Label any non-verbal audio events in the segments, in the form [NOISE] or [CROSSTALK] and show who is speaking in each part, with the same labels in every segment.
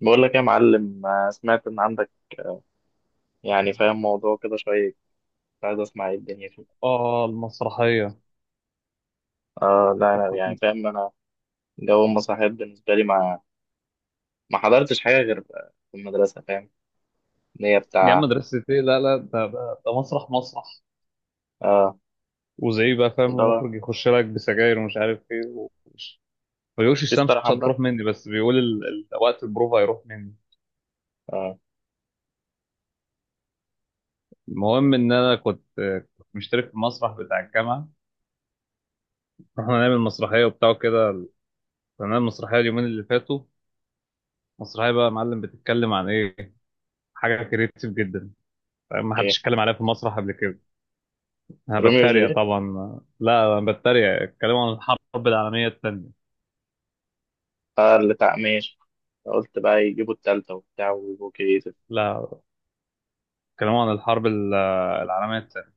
Speaker 1: بقول لك يا معلم سمعت ان عندك. آه. يعني فاهم موضوع كده شويه. كنت عايز اسمع ايه الدنيا فيه.
Speaker 2: اه المسرحية
Speaker 1: اه، لا انا يعني
Speaker 2: كنت
Speaker 1: فاهم انا جو المسرحيات بالنسبه لي، ما حضرتش حاجه غير في المدرسه، فاهم ان هي
Speaker 2: دي عم
Speaker 1: بتاع.
Speaker 2: مدرسة ايه؟ لا لا ده مسرح مسرح.
Speaker 1: اه،
Speaker 2: وزي بقى فاهم،
Speaker 1: اللي هو
Speaker 2: المخرج يخش لك بسجاير ومش عارف ايه. ومش ما بيقولش
Speaker 1: في
Speaker 2: الشمس
Speaker 1: ستاره
Speaker 2: مش
Speaker 1: حمراء.
Speaker 2: هتروح مني، بس بيقول وقت البروفا هيروح مني.
Speaker 1: اه.
Speaker 2: المهم ان انا كنت مشترك في المسرح بتاع الجامعة. رحنا نعمل مسرحية وبتاع كده. كنا نعمل مسرحية اليومين اللي فاتوا. مسرحية بقى يا معلم بتتكلم عن ايه؟ حاجة كريتيف جدا، ما حدش
Speaker 1: ايه،
Speaker 2: اتكلم عليها في المسرح قبل كده. انا
Speaker 1: روميو
Speaker 2: بتريق
Speaker 1: وجوليت.
Speaker 2: طبعا، لا انا بتريق. اتكلموا عن الحرب العالميه الثانيه.
Speaker 1: اه، اللي بتاع، ماشي. قلت بقى يجيبوا التالتة وبتاع ويبقوا كريتيف.
Speaker 2: لا اتكلموا عن العالميه الثانيه.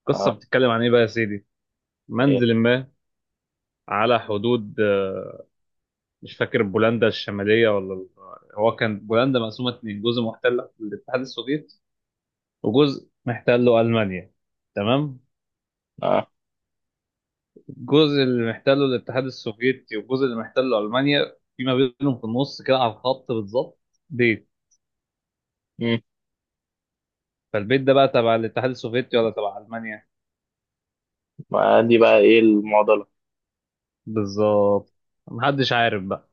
Speaker 2: القصه
Speaker 1: اه.
Speaker 2: بتتكلم عن ايه بقى يا سيدي؟
Speaker 1: ايه.
Speaker 2: منزل ما على حدود مش فاكر، بولندا الشماليه ولا هو كان بولندا مقسومه اتنين، جزء محتل للاتحاد السوفيتي وجزء محتله المانيا. تمام.
Speaker 1: اه.
Speaker 2: الجزء اللي محتله الاتحاد السوفيتي والجزء اللي محتله المانيا فيما بينهم في النص كده على الخط بالظبط بيت.
Speaker 1: مم.
Speaker 2: فالبيت ده بقى تبع الاتحاد السوفيتي ولا تبع المانيا؟
Speaker 1: ما دي بقى ايه المعضله؟
Speaker 2: بالظبط، محدش عارف بقى.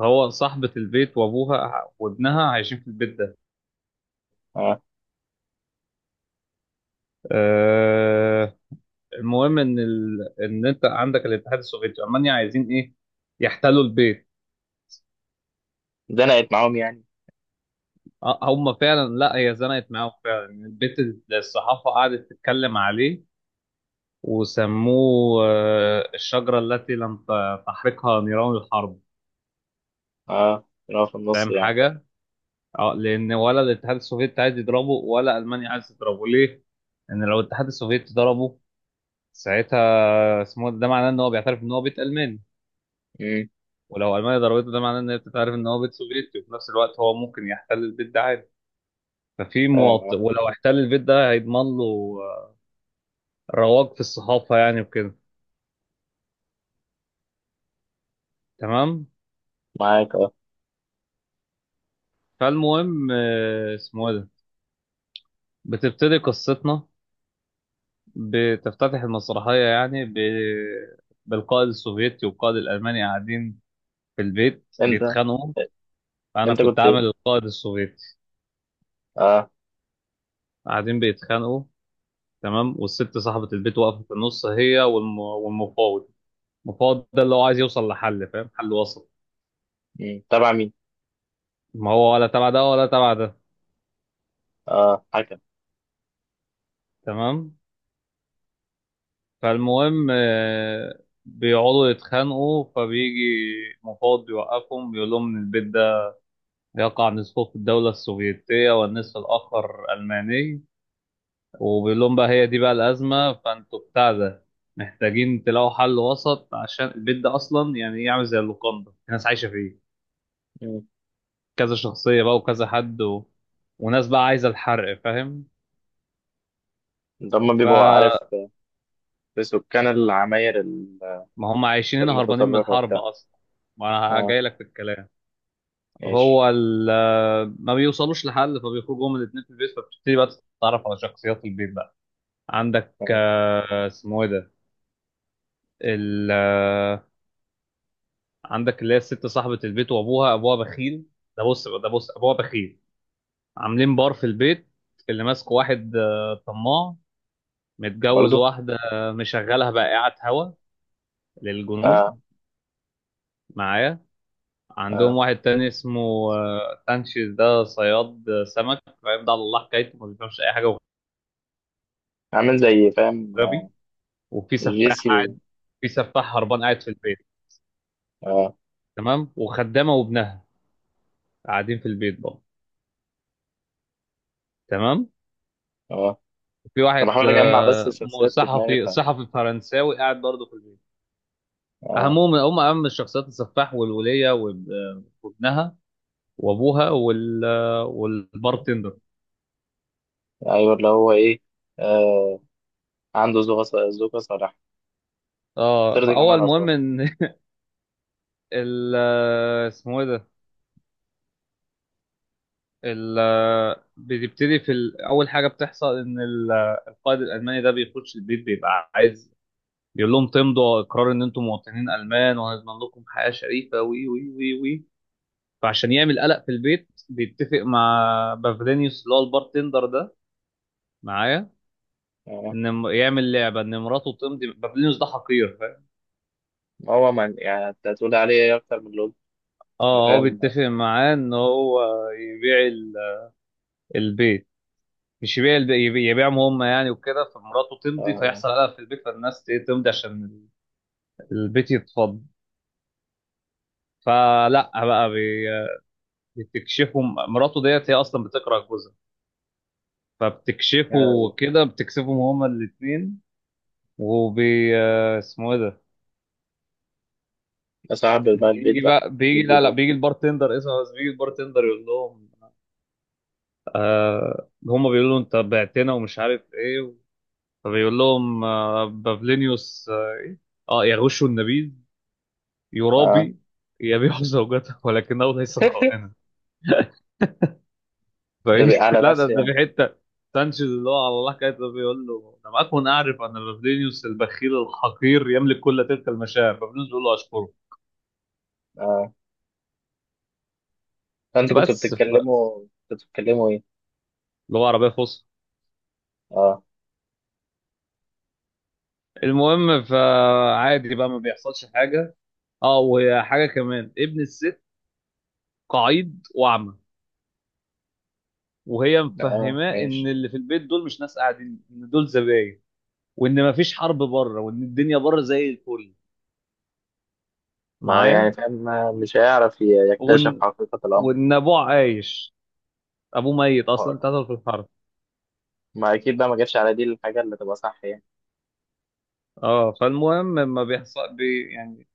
Speaker 2: هو صاحبة البيت وابوها وابنها عايشين في البيت ده.
Speaker 1: اه،
Speaker 2: أه. المهم ان ان انت عندك الاتحاد السوفيتي المانيا عايزين ايه؟ يحتلوا البيت.
Speaker 1: زنقت معاهم يعني.
Speaker 2: هم فعلا، لا هي زنقت معاهم فعلا، البيت اللي الصحافة قعدت تتكلم عليه وسموه الشجرة التي لم ت- تحرقها نيران الحرب.
Speaker 1: اه، كانوا في النص
Speaker 2: فاهم
Speaker 1: يعني.
Speaker 2: حاجة؟ اه، لأن ولا الاتحاد السوفيتي عايز يضربه ولا ألمانيا عايز تضربه، ليه؟ ان لو الاتحاد السوفيتي ضربه ساعتها اسمه ده معناه ان هو بيعترف ان هو بيت الماني.
Speaker 1: امم.
Speaker 2: ولو المانيا ضربته ده معناه ان هي بتعترف ان هو بيت سوفيتي. وفي نفس الوقت هو ممكن يحتل البيت ده عادي. ففي
Speaker 1: فاهم.
Speaker 2: مواطن
Speaker 1: اه.
Speaker 2: ولو احتل البيت ده هيضمن له رواج في الصحافه يعني وكده. تمام.
Speaker 1: معاك اه.
Speaker 2: فالمهم اسمه إيه ده، بتبتدي قصتنا. بتفتتح المسرحيه يعني بالقائد السوفيتي والقائد الالماني قاعدين في البيت
Speaker 1: انت
Speaker 2: بيتخانقوا. انا
Speaker 1: انت
Speaker 2: كنت
Speaker 1: كنت
Speaker 2: عامل
Speaker 1: ايه؟
Speaker 2: القائد السوفيتي.
Speaker 1: اه.
Speaker 2: قاعدين بيتخانقوا، تمام. والست صاحبة البيت واقفة في النص، هي والمفاوض. المفاوض ده اللي هو عايز يوصل لحل، فاهم، حل وسط.
Speaker 1: مم. تبع مين؟
Speaker 2: ما هو ولا تبع ده ولا تبع ده.
Speaker 1: اه، حكم.
Speaker 2: تمام. فالمهم بيقعدوا يتخانقوا، فبيجي مفاوض بيوقفهم بيقول لهم إن البيت ده يقع نصفه في الدولة السوفيتية والنصف الآخر ألماني. وبيقول لهم بقى هي دي بقى الأزمة، فأنتوا بتاع ده محتاجين تلاقوا حل وسط عشان البيت ده أصلا يعني يعمل زي اللوكاندا، الناس عايشة فيه.
Speaker 1: مم.
Speaker 2: كذا شخصية بقى وكذا حد وناس بقى عايزة الحرق فاهم.
Speaker 1: ده هم بيبقوا
Speaker 2: فما
Speaker 1: عارف في سكان العماير
Speaker 2: هم عايشين هنا هربانين من
Speaker 1: المتطرفة
Speaker 2: الحرب
Speaker 1: وبتاع.
Speaker 2: أصلا. ما أنا
Speaker 1: اه،
Speaker 2: جاي لك في الكلام.
Speaker 1: ماشي.
Speaker 2: هو ما بيوصلوش لحل، فبيخرجوا هما الاتنين في البيت. فبتبتدي بقى تتعرف على شخصيات البيت بقى. عندك
Speaker 1: آه.
Speaker 2: اسمه ايه ده، ال... آه، عندك اللي هي الست صاحبة البيت وأبوها. أبوها بخيل. ده بص أبوها بخيل. عاملين بار في البيت، اللي ماسكه واحد طماع، متجوز
Speaker 1: برضو.
Speaker 2: واحدة مشغلها بقى قاعد هوا للجنود.
Speaker 1: اه.
Speaker 2: معايا؟ عندهم
Speaker 1: اه.
Speaker 2: واحد تاني اسمه تانشيز، ده صياد سمك فاهم، ده على الله حكايته، ما بيفهمش اي حاجه
Speaker 1: عامل زي فاهم
Speaker 2: وغبي. وفي سفاح
Speaker 1: جيسي و...
Speaker 2: قاعد، في سفاح هربان قاعد في البيت.
Speaker 1: اه.
Speaker 2: تمام. وخدامه وابنها قاعدين في البيت برضه. تمام.
Speaker 1: اه.
Speaker 2: في
Speaker 1: انا
Speaker 2: واحد
Speaker 1: بحاول اجمع بس الشخصيات في دماغي،
Speaker 2: صحفي،
Speaker 1: ف
Speaker 2: صحفي فرنساوي قاعد برضه في البيت.
Speaker 1: اه.
Speaker 2: اهمهم هم اهم الشخصيات السفاح والوليه وابنها وابوها والبارتندر.
Speaker 1: ايوه، اللي هو ايه. آه. عنده ذوق ذوق صلاح،
Speaker 2: اه
Speaker 1: ترضي جميع
Speaker 2: فاول
Speaker 1: الاطراف.
Speaker 2: مهم ان [LAUGHS] ال آه، اسمه ايه ده ال. بتبتدي اول حاجه بتحصل ان القائد الالماني ده بيخش البيت بيبقى عايز يقول لهم تمضوا اقرار ان انتم مواطنين المان، وهنضمن لكم حياه شريفه وي وي وي وي. فعشان يعمل قلق في البيت بيتفق مع بافلينيوس اللي هو البارتندر ده. معايا؟
Speaker 1: اه،
Speaker 2: ان يعمل لعبه ان مراته تمضي. بافلينيوس ده حقير فاهم.
Speaker 1: هو من يعني انت هتقول عليه ايه اكتر من لول؟
Speaker 2: اه، هو
Speaker 1: فاهم.
Speaker 2: بيتفق معاه ان هو يبيع البيت، مش يبيع يبيعهم هم يعني وكده. فمراته تمضي
Speaker 1: اه.
Speaker 2: فيحصل قلق في البيت، فالناس تمضي عشان البيت يتفض. فلا بقى بتكشفوا، مراته ديت هي اصلا بتكره جوزها فبتكشفه
Speaker 1: يا لهوي.
Speaker 2: كده، بتكسفهم هما الاثنين. وبي آه، اسمه ايه ده،
Speaker 1: أصعب بقى
Speaker 2: بيجي
Speaker 1: البيت بقى
Speaker 2: بقى بيجي،
Speaker 1: أجيب له
Speaker 2: لا لا
Speaker 1: دول.
Speaker 2: بيجي البارتندر اسمه. بس بيجي البارتندر يقول لهم آه، هما بيقولوا له انت بعتنا ومش عارف ايه. فبيقول لهم آه بابلينيوس اه, إيه؟ آه، يغش النبيذ،
Speaker 1: آه.
Speaker 2: يرابي، يبيع زوجته ولكنه ليس خائنا.
Speaker 1: [LAUGHS]
Speaker 2: فايه
Speaker 1: نبي
Speaker 2: [LAUGHS]
Speaker 1: على
Speaker 2: لا ده
Speaker 1: نفسي
Speaker 2: ده
Speaker 1: يعني.
Speaker 2: في حته سانشيز اللي هو على الله كاتب بيقول له: لم اكن اعرف ان فابرينيوس البخيل الحقير يملك كل تلك المشاعر. فابرينيوس بيقول له اشكره.
Speaker 1: آه. أنت كنت
Speaker 2: بس ف.
Speaker 1: بتتكلموا، كنت بتتكلموا إيه؟
Speaker 2: اللي هو عربيه فصحى.
Speaker 1: آه.
Speaker 2: المهم، فعادي بقى، ما بيحصلش حاجه. اه، وهي حاجه كمان، ابن الست قعيد واعمى، وهي
Speaker 1: آه.
Speaker 2: مفهماه ان
Speaker 1: ماشي.
Speaker 2: اللي في البيت دول مش ناس قاعدين، ان دول زباين. وان مفيش حرب بره وان الدنيا بره زي الفل.
Speaker 1: ما هو يعني
Speaker 2: معايا؟
Speaker 1: فاهم، مش هيعرف يكتشف
Speaker 2: وان
Speaker 1: حقيقة الأمر.
Speaker 2: وان ابوه عايش. ابوه ميت اصلا،
Speaker 1: آه.
Speaker 2: اتقتل في الحرب.
Speaker 1: ما أكيد بقى ما جاتش على دي الحاجة اللي تبقى صح يعني.
Speaker 2: اه فالمهم ما بيحصل بي يعني،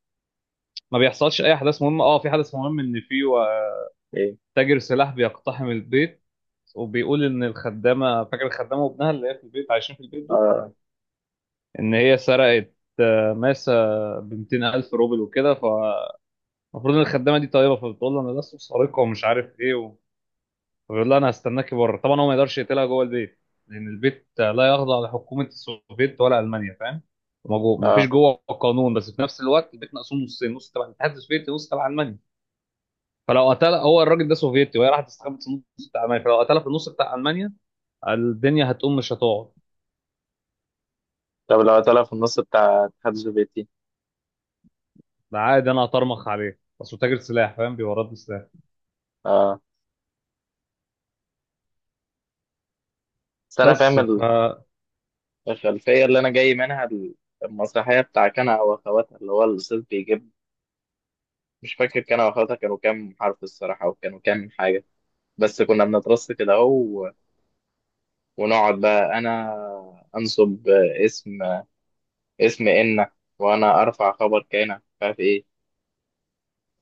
Speaker 2: ما بيحصلش اي احداث مهمه. اه في حدث مهم ان
Speaker 1: إيه.
Speaker 2: تاجر سلاح بيقتحم البيت وبيقول ان الخدامه، فاكر الخدامه وابنها اللي هي في البيت عايشين في البيت دول،
Speaker 1: آه.
Speaker 2: ان هي سرقت ماسه ب 200 الف روبل وكده. فالمفروض ان الخدامه دي طيبه، فبتقول له انا لست سارقه ومش عارف ايه. فبيقول لها انا هستناكي بره. طبعا هو ما يقدرش يقتلها جوه البيت لان البيت لا يخضع لحكومه السوفيت ولا المانيا فاهم. ما فيش
Speaker 1: آه.
Speaker 2: جوه قانون. بس في نفس الوقت البيت مقسوم نصين، نص تبع الاتحاد السوفيتي نص تبع المانيا. فلو قتلها هو الراجل ده سوفيتي وهي راحت استخبت في النص بتاع المانيا، فلو قتلها في النص بتاع المانيا الدنيا هتقوم مش هتقعد.
Speaker 1: طب لو طلع في النص بتاع الاتحاد السوفيتي.
Speaker 2: ده عادي انا هطرمخ عليه بس هو تاجر سلاح فاهم، بيورد لي سلاح.
Speaker 1: آه. بس أنا فاهم
Speaker 2: بس ف.
Speaker 1: الخلفية اللي أنا جاي منها، المسرحية بتاع كنا وأخواتها، اللي هو الأستاذ بيجيب. مش فاكر كنا وأخواتها كانوا كام حرف الصراحة، وكانوا كام حاجة. بس كنا بنترص كده اهو، ونقعد بقى انا انصب اسم اسم انك، وانا ارفع خبر كانك، مش عارف ايه.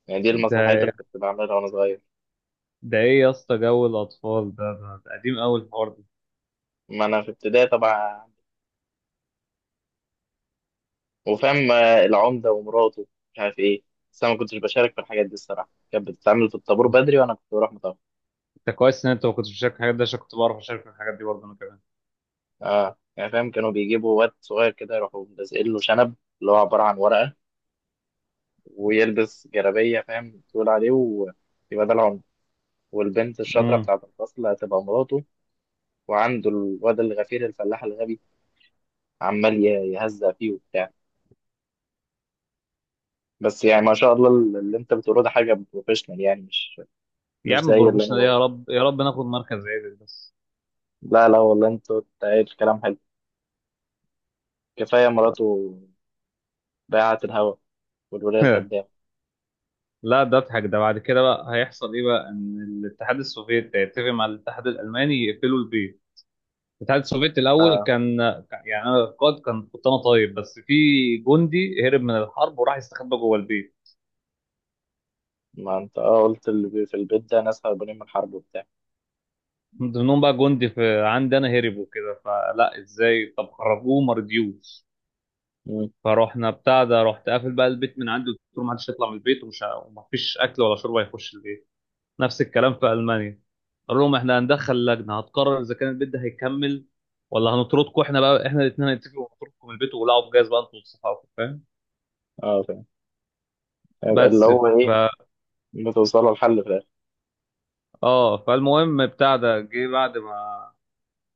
Speaker 1: يعني دي المسرحيات
Speaker 2: ده
Speaker 1: اللي كنت بعملها وانا صغير.
Speaker 2: ده ايه يا اسطى جو الاطفال ده ده قديم قوي الحوار ده.
Speaker 1: ما انا في ابتدائي طبعا. وفاهم، العمده ومراته، مش عارف ايه. بس انا ما كنتش بشارك في الحاجات دي الصراحه، كانت بتتعمل في الطابور بدري وانا كنت بروح متاخر.
Speaker 2: انت كويس ان انت ما كنتش بتشارك الحاجات ده، عشان كنت بعرف اشارك الحاجات دي برضه انا كمان.
Speaker 1: اه، يعني فاهم، كانوا بيجيبوا واد صغير كده يروحوا لازقين له شنب اللي هو عباره عن ورقه، ويلبس جلابيه فاهم تقول عليه، ويبقى ده العمده. والبنت الشاطرة
Speaker 2: مم.
Speaker 1: بتاعة الفصل هتبقى مراته. وعنده الواد الغفير الفلاح الغبي، عمال يهزأ فيه وبتاع. بس يعني ما شاء الله، اللي انت بتقوله ده حاجة بروفيشنال يعني، مش
Speaker 2: يا
Speaker 1: مش
Speaker 2: عم
Speaker 1: زي اللي انا
Speaker 2: بروفيشنال، يا
Speaker 1: بقوله.
Speaker 2: رب يا رب ناخد مركز عادل بس.
Speaker 1: لا لا، والله انت قايل كلام حلو. كفاية مراته بيعت الهوا، والولاية
Speaker 2: [LAUGHS]
Speaker 1: الخدامة.
Speaker 2: لا ده اضحك ده. بعد كده بقى هيحصل ايه بقى؟ ان الاتحاد السوفيتي هيتفق مع الاتحاد الالماني يقفلوا البيت. الاتحاد السوفيتي الاول
Speaker 1: اه،
Speaker 2: كان يعني انا القائد كان كنت انا طيب. بس في جندي هرب من الحرب وراح يستخبى جوه البيت.
Speaker 1: ما انت اه قلت اللي في البيت ده ناس هربانين من الحرب وبتاع.
Speaker 2: من ضمنهم بقى جندي في عندي انا هرب وكده. فلا ازاي، طب خرجوه، ما رضيوش.
Speaker 1: مم.
Speaker 2: فروحنا بتاع ده، رحت قافل بقى البيت من عندي وقلت له ما حدش يطلع من البيت ومفيش اكل ولا شرب هيخش البيت. نفس الكلام في المانيا. قال لهم احنا هندخل لجنه هتقرر اذا كان البيت ده هيكمل ولا هنطردكم. احنا بقى احنا الاثنين هنتفق ونطردكم من البيت ولعوا بجاز بقى انتوا وصحابكم فاهم.
Speaker 1: اه، فاهم. يبقى اللي
Speaker 2: بس
Speaker 1: هو
Speaker 2: ف.
Speaker 1: ايه، بتوصلوا لحل في الاخر.
Speaker 2: اه فالمهم بتاع ده، جه بعد ما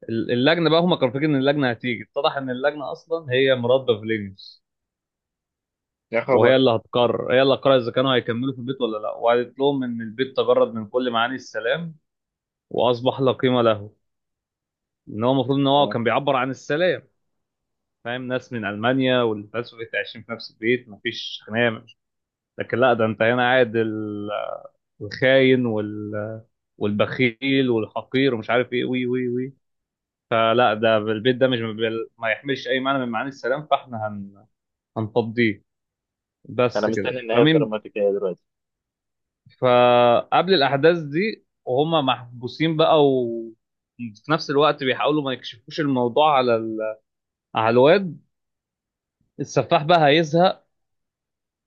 Speaker 2: اللجنه بقى، هم كانوا فاكرين ان اللجنه هتيجي، اتضح ان اللجنه اصلا هي مراد بافلينيوس.
Speaker 1: يا
Speaker 2: وهي
Speaker 1: خبر.
Speaker 2: اللي هتقرر، هي اللي هتقرر اذا كانوا هيكملوا في البيت ولا لا. وقالت لهم ان البيت تجرد من كل معاني السلام واصبح لا قيمه له. ان هو المفروض ان هو
Speaker 1: آه.
Speaker 2: كان بيعبر عن السلام فاهم، ناس من المانيا والباسوفيت عايشين في نفس البيت مفيش خناقه. لكن لا ده انت هنا قاعد الخاين والبخيل والحقير ومش عارف ايه وي وي وي. فلا ده البيت ده مش ما يحملش اي معنى من معاني السلام. فاحنا هنفضيه.
Speaker 1: انا
Speaker 2: بس كده.
Speaker 1: مستني النهاية
Speaker 2: فمين.
Speaker 1: الدراماتيكية دلوقتي.
Speaker 2: فقبل الاحداث دي وهم محبوسين بقى، و في نفس الوقت بيحاولوا ما يكشفوش الموضوع على على الواد. السفاح بقى هيزهق،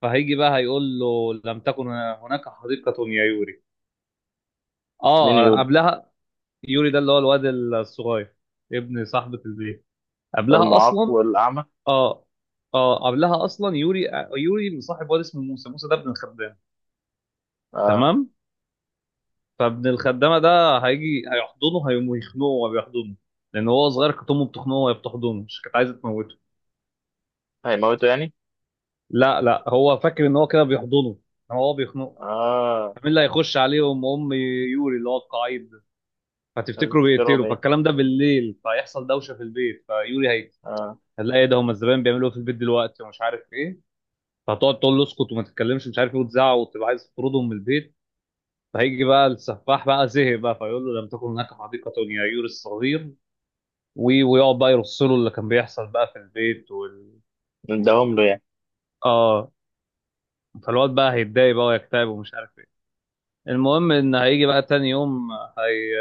Speaker 2: فهيجي بقى هيقول له لم تكن هناك حديقة يا يوري.
Speaker 1: مين
Speaker 2: اه
Speaker 1: يقول؟
Speaker 2: قبلها. يوري ده اللي هو الواد الصغير، ابن صاحبة البيت. قبلها
Speaker 1: المعاق
Speaker 2: اصلا.
Speaker 1: والأعمى؟
Speaker 2: اه اه قبلها اصلا يوري. يوري مصاحب واد اسمه موسى. موسى ده ابن الخدامة.
Speaker 1: آه.
Speaker 2: تمام. فابن الخدامة ده هيجي هيحضنه هيقوم يخنقه وهو بيحضنه، لان هو صغير كانت امه بتخنقه وهي بتحضنه، مش كانت عايزة تموته.
Speaker 1: هيموتوا يعني؟
Speaker 2: لا لا هو فاكر ان هو كده بيحضنه، إنما هو بيخنقه.
Speaker 1: آه.
Speaker 2: مين اللي هيخش عليهم؟ ام يوري اللي هو القعيد ده.
Speaker 1: عايز
Speaker 2: فتفتكروا
Speaker 1: تفتكرهم
Speaker 2: بيقتلوا،
Speaker 1: إيه؟
Speaker 2: فالكلام ده بالليل، فيحصل دوشه في البيت فيوري هي
Speaker 1: آه.
Speaker 2: هتلاقي إيه ده، هم الزبائن بيعملوا إيه في البيت دلوقتي ومش عارف ايه. فهتقعد تقول له اسكت وما تتكلمش مش عارف ايه وتزعق وتبقى عايز تطردهم من البيت. فهيجي بقى السفاح بقى، زهق بقى، فيقول له لم تكن هناك حديقه يا يوري الصغير. ويقعد بقى يرص له اللي كان بيحصل بقى في البيت
Speaker 1: نداهم له يعني.
Speaker 2: اه. فالواد بقى هيتضايق بقى ويكتئب ومش عارف ايه. المهم ان هيجي بقى تاني يوم، هي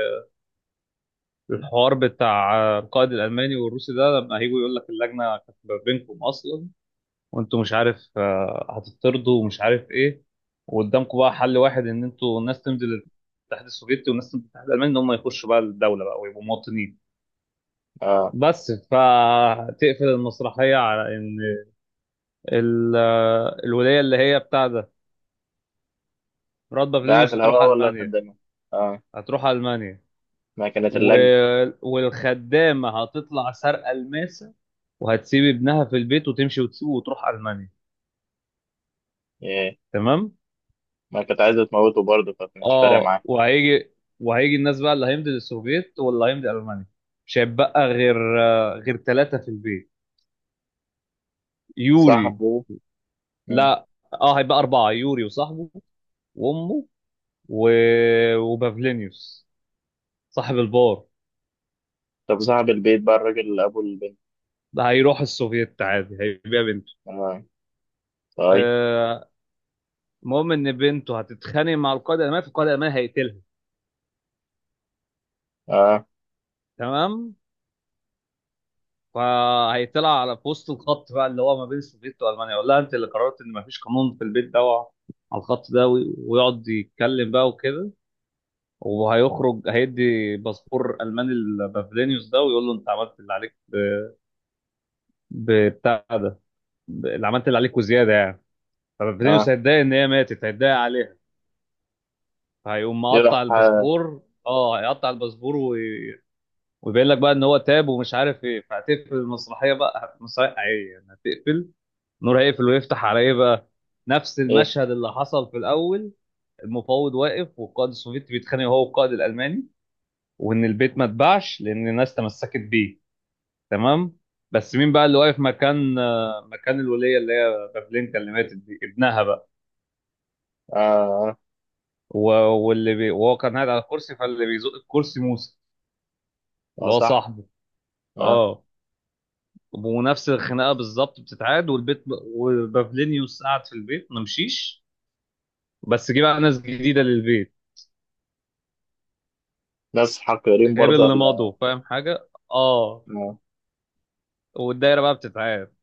Speaker 2: الحوار بتاع القائد الالماني والروسي ده لما هيجوا، يقول لك اللجنه كانت ما بينكم اصلا. وانتوا مش عارف هتطردوا ومش عارف ايه. وقدامكم بقى حل واحد، ان انتوا الناس تمضي للاتحاد السوفيتي والناس تمضي للاتحاد الالماني، ان هم يخشوا بقى الدوله بقى ويبقوا مواطنين.
Speaker 1: آه.
Speaker 2: بس فتقفل المسرحيه على ان الولايه اللي هي بتاع ده، راد
Speaker 1: بعت
Speaker 2: فيلينيوس، هتروح
Speaker 1: الهواء ولا
Speaker 2: المانيا.
Speaker 1: خدامه؟ آه.
Speaker 2: هتروح المانيا
Speaker 1: ما كانت
Speaker 2: و...
Speaker 1: اللجنة.
Speaker 2: والخدامه هتطلع سارقه الماسه وهتسيب ابنها في البيت وتمشي وتسيبه وتروح المانيا.
Speaker 1: إيه.
Speaker 2: تمام.
Speaker 1: ما كانت عايزة تموته برضه، فمش فارق
Speaker 2: اه
Speaker 1: معاه.
Speaker 2: وهيجي وهيجي الناس بقى اللي هيمضي للسوفييت واللي هيمضي المانيا. مش هيبقى غير غير ثلاثه في البيت. يوري.
Speaker 1: صاحبه. مم.
Speaker 2: لا اه هيبقى اربعه، يوري وصاحبه وامه و... وبافلينيوس صاحب البار.
Speaker 1: طب صاحب البيت بقى، الراجل اللي أبو البنت.
Speaker 2: ده هيروح السوفييت عادي هيبيع بنته.
Speaker 1: آه. طيب.
Speaker 2: آه، المهم ان بنته هتتخانق مع القائد الالماني فالقائد الالماني هيقتلها.
Speaker 1: آه.
Speaker 2: تمام. فهيطلع على في وسط الخط بقى اللي هو ما بين السوفيت والمانيا يقول لها انت اللي قررت ان ما فيش قانون في البيت ده على الخط ده ويقعد يتكلم بقى وكده. وهيخرج هيدي باسبور الماني لبافلينيوس ده ويقول له انت عملت اللي عليك بتاع ده اللي عملت اللي عليك وزياده يعني. فبافلينيوس
Speaker 1: آه،
Speaker 2: هيتضايق ان هي ماتت، هيتضايق عليها، هيقوم مقطع
Speaker 1: يروح آه.
Speaker 2: الباسبور. اه هيقطع الباسبور وبيقول لك بقى ان هو تاب ومش عارف ايه. فهتقفل المسرحيه بقى، مسرحيه عاديه يعني هتقفل. نور هيقفل ويفتح على ايه بقى؟ نفس
Speaker 1: إيه.
Speaker 2: المشهد اللي حصل في الاول. المفاوض واقف والقائد السوفيتي بيتخانق هو والقائد الالماني. وان البيت ما اتباعش لان الناس تمسكت بيه. تمام. بس مين بقى اللي واقف مكان مكان الوليه اللي هي بابلينكا اللي ماتت دي؟ ابنها بقى.
Speaker 1: آه. آه.
Speaker 2: و- وهو كان قاعد على الكرسي، فاللي بيزق الكرسي موسى
Speaker 1: آه،
Speaker 2: اللي هو
Speaker 1: صح.
Speaker 2: صاحبه.
Speaker 1: آه.
Speaker 2: اه. ونفس الخناقه بالظبط بتتعاد والبيت. وبافلينيوس قعد في البيت ما مشيش، بس جه بقى ناس جديده للبيت
Speaker 1: ناس حقيرين
Speaker 2: غير
Speaker 1: برضه
Speaker 2: اللي مضوا
Speaker 1: ولا؟
Speaker 2: فاهم حاجه، اه.
Speaker 1: آه.
Speaker 2: والدايره بقى بتتعاد.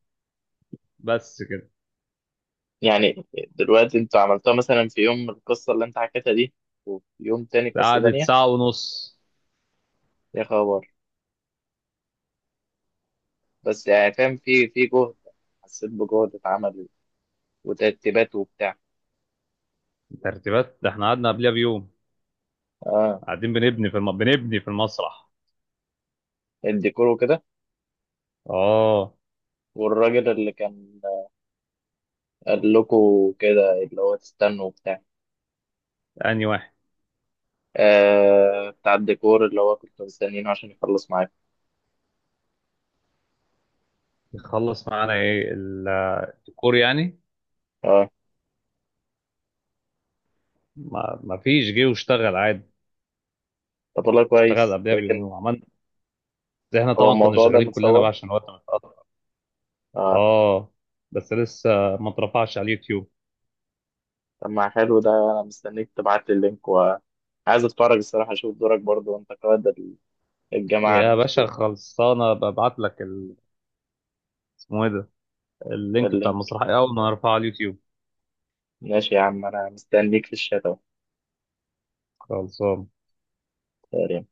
Speaker 2: بس كده.
Speaker 1: يعني دلوقتي انت عملتها مثلا في يوم القصة اللي انت حكيتها دي، وفي يوم تاني قصة
Speaker 2: قعدت
Speaker 1: تانية؟
Speaker 2: ساعه ونص.
Speaker 1: يا خبر. بس يعني فاهم في في جهد، حسيت بجهد اتعمل، وترتيبات وبتاع.
Speaker 2: ترتيبات؟ ده احنا قعدنا قبلها بيوم
Speaker 1: اه،
Speaker 2: قاعدين بنبني بنبني في المسرح.
Speaker 1: الديكور وكده.
Speaker 2: اه.
Speaker 1: والراجل اللي كان قال لكم كده، اللي هو تستنوا وبتاع.
Speaker 2: اني واحد
Speaker 1: آه، بتاع الديكور اللي هو كنتوا مستنيينه عشان يخلص معاكم.
Speaker 2: يخلص معانا ايه؟ الديكور يعني.
Speaker 1: اه.
Speaker 2: ما فيش، جه واشتغل عادي.
Speaker 1: طب والله
Speaker 2: اشتغل
Speaker 1: كويس،
Speaker 2: قبلها بيومين
Speaker 1: لكن
Speaker 2: وعملنا. ده احنا
Speaker 1: هو
Speaker 2: طبعا كنا
Speaker 1: الموضوع ده
Speaker 2: شغالين كلنا
Speaker 1: متصور.
Speaker 2: بقى عشان الوقت ما.
Speaker 1: اه.
Speaker 2: اه. بس لسه ما اترفعش على اليوتيوب.
Speaker 1: طب ما حلو، ده انا مستنيك تبعت لي اللينك، وعايز اتفرج الصراحه اشوف دورك برضو، وانت قائد الجماعه
Speaker 2: يا باشا
Speaker 1: الرسمي.
Speaker 2: خلصانه ببعت لك اسمه ايه ده، اللينك بتاع
Speaker 1: اللينك.
Speaker 2: المسرحيه اول ما ارفعه على اليوتيوب.
Speaker 1: ماشي يا عم، انا مستنيك في الشات
Speaker 2: خلصانه.
Speaker 1: اهو.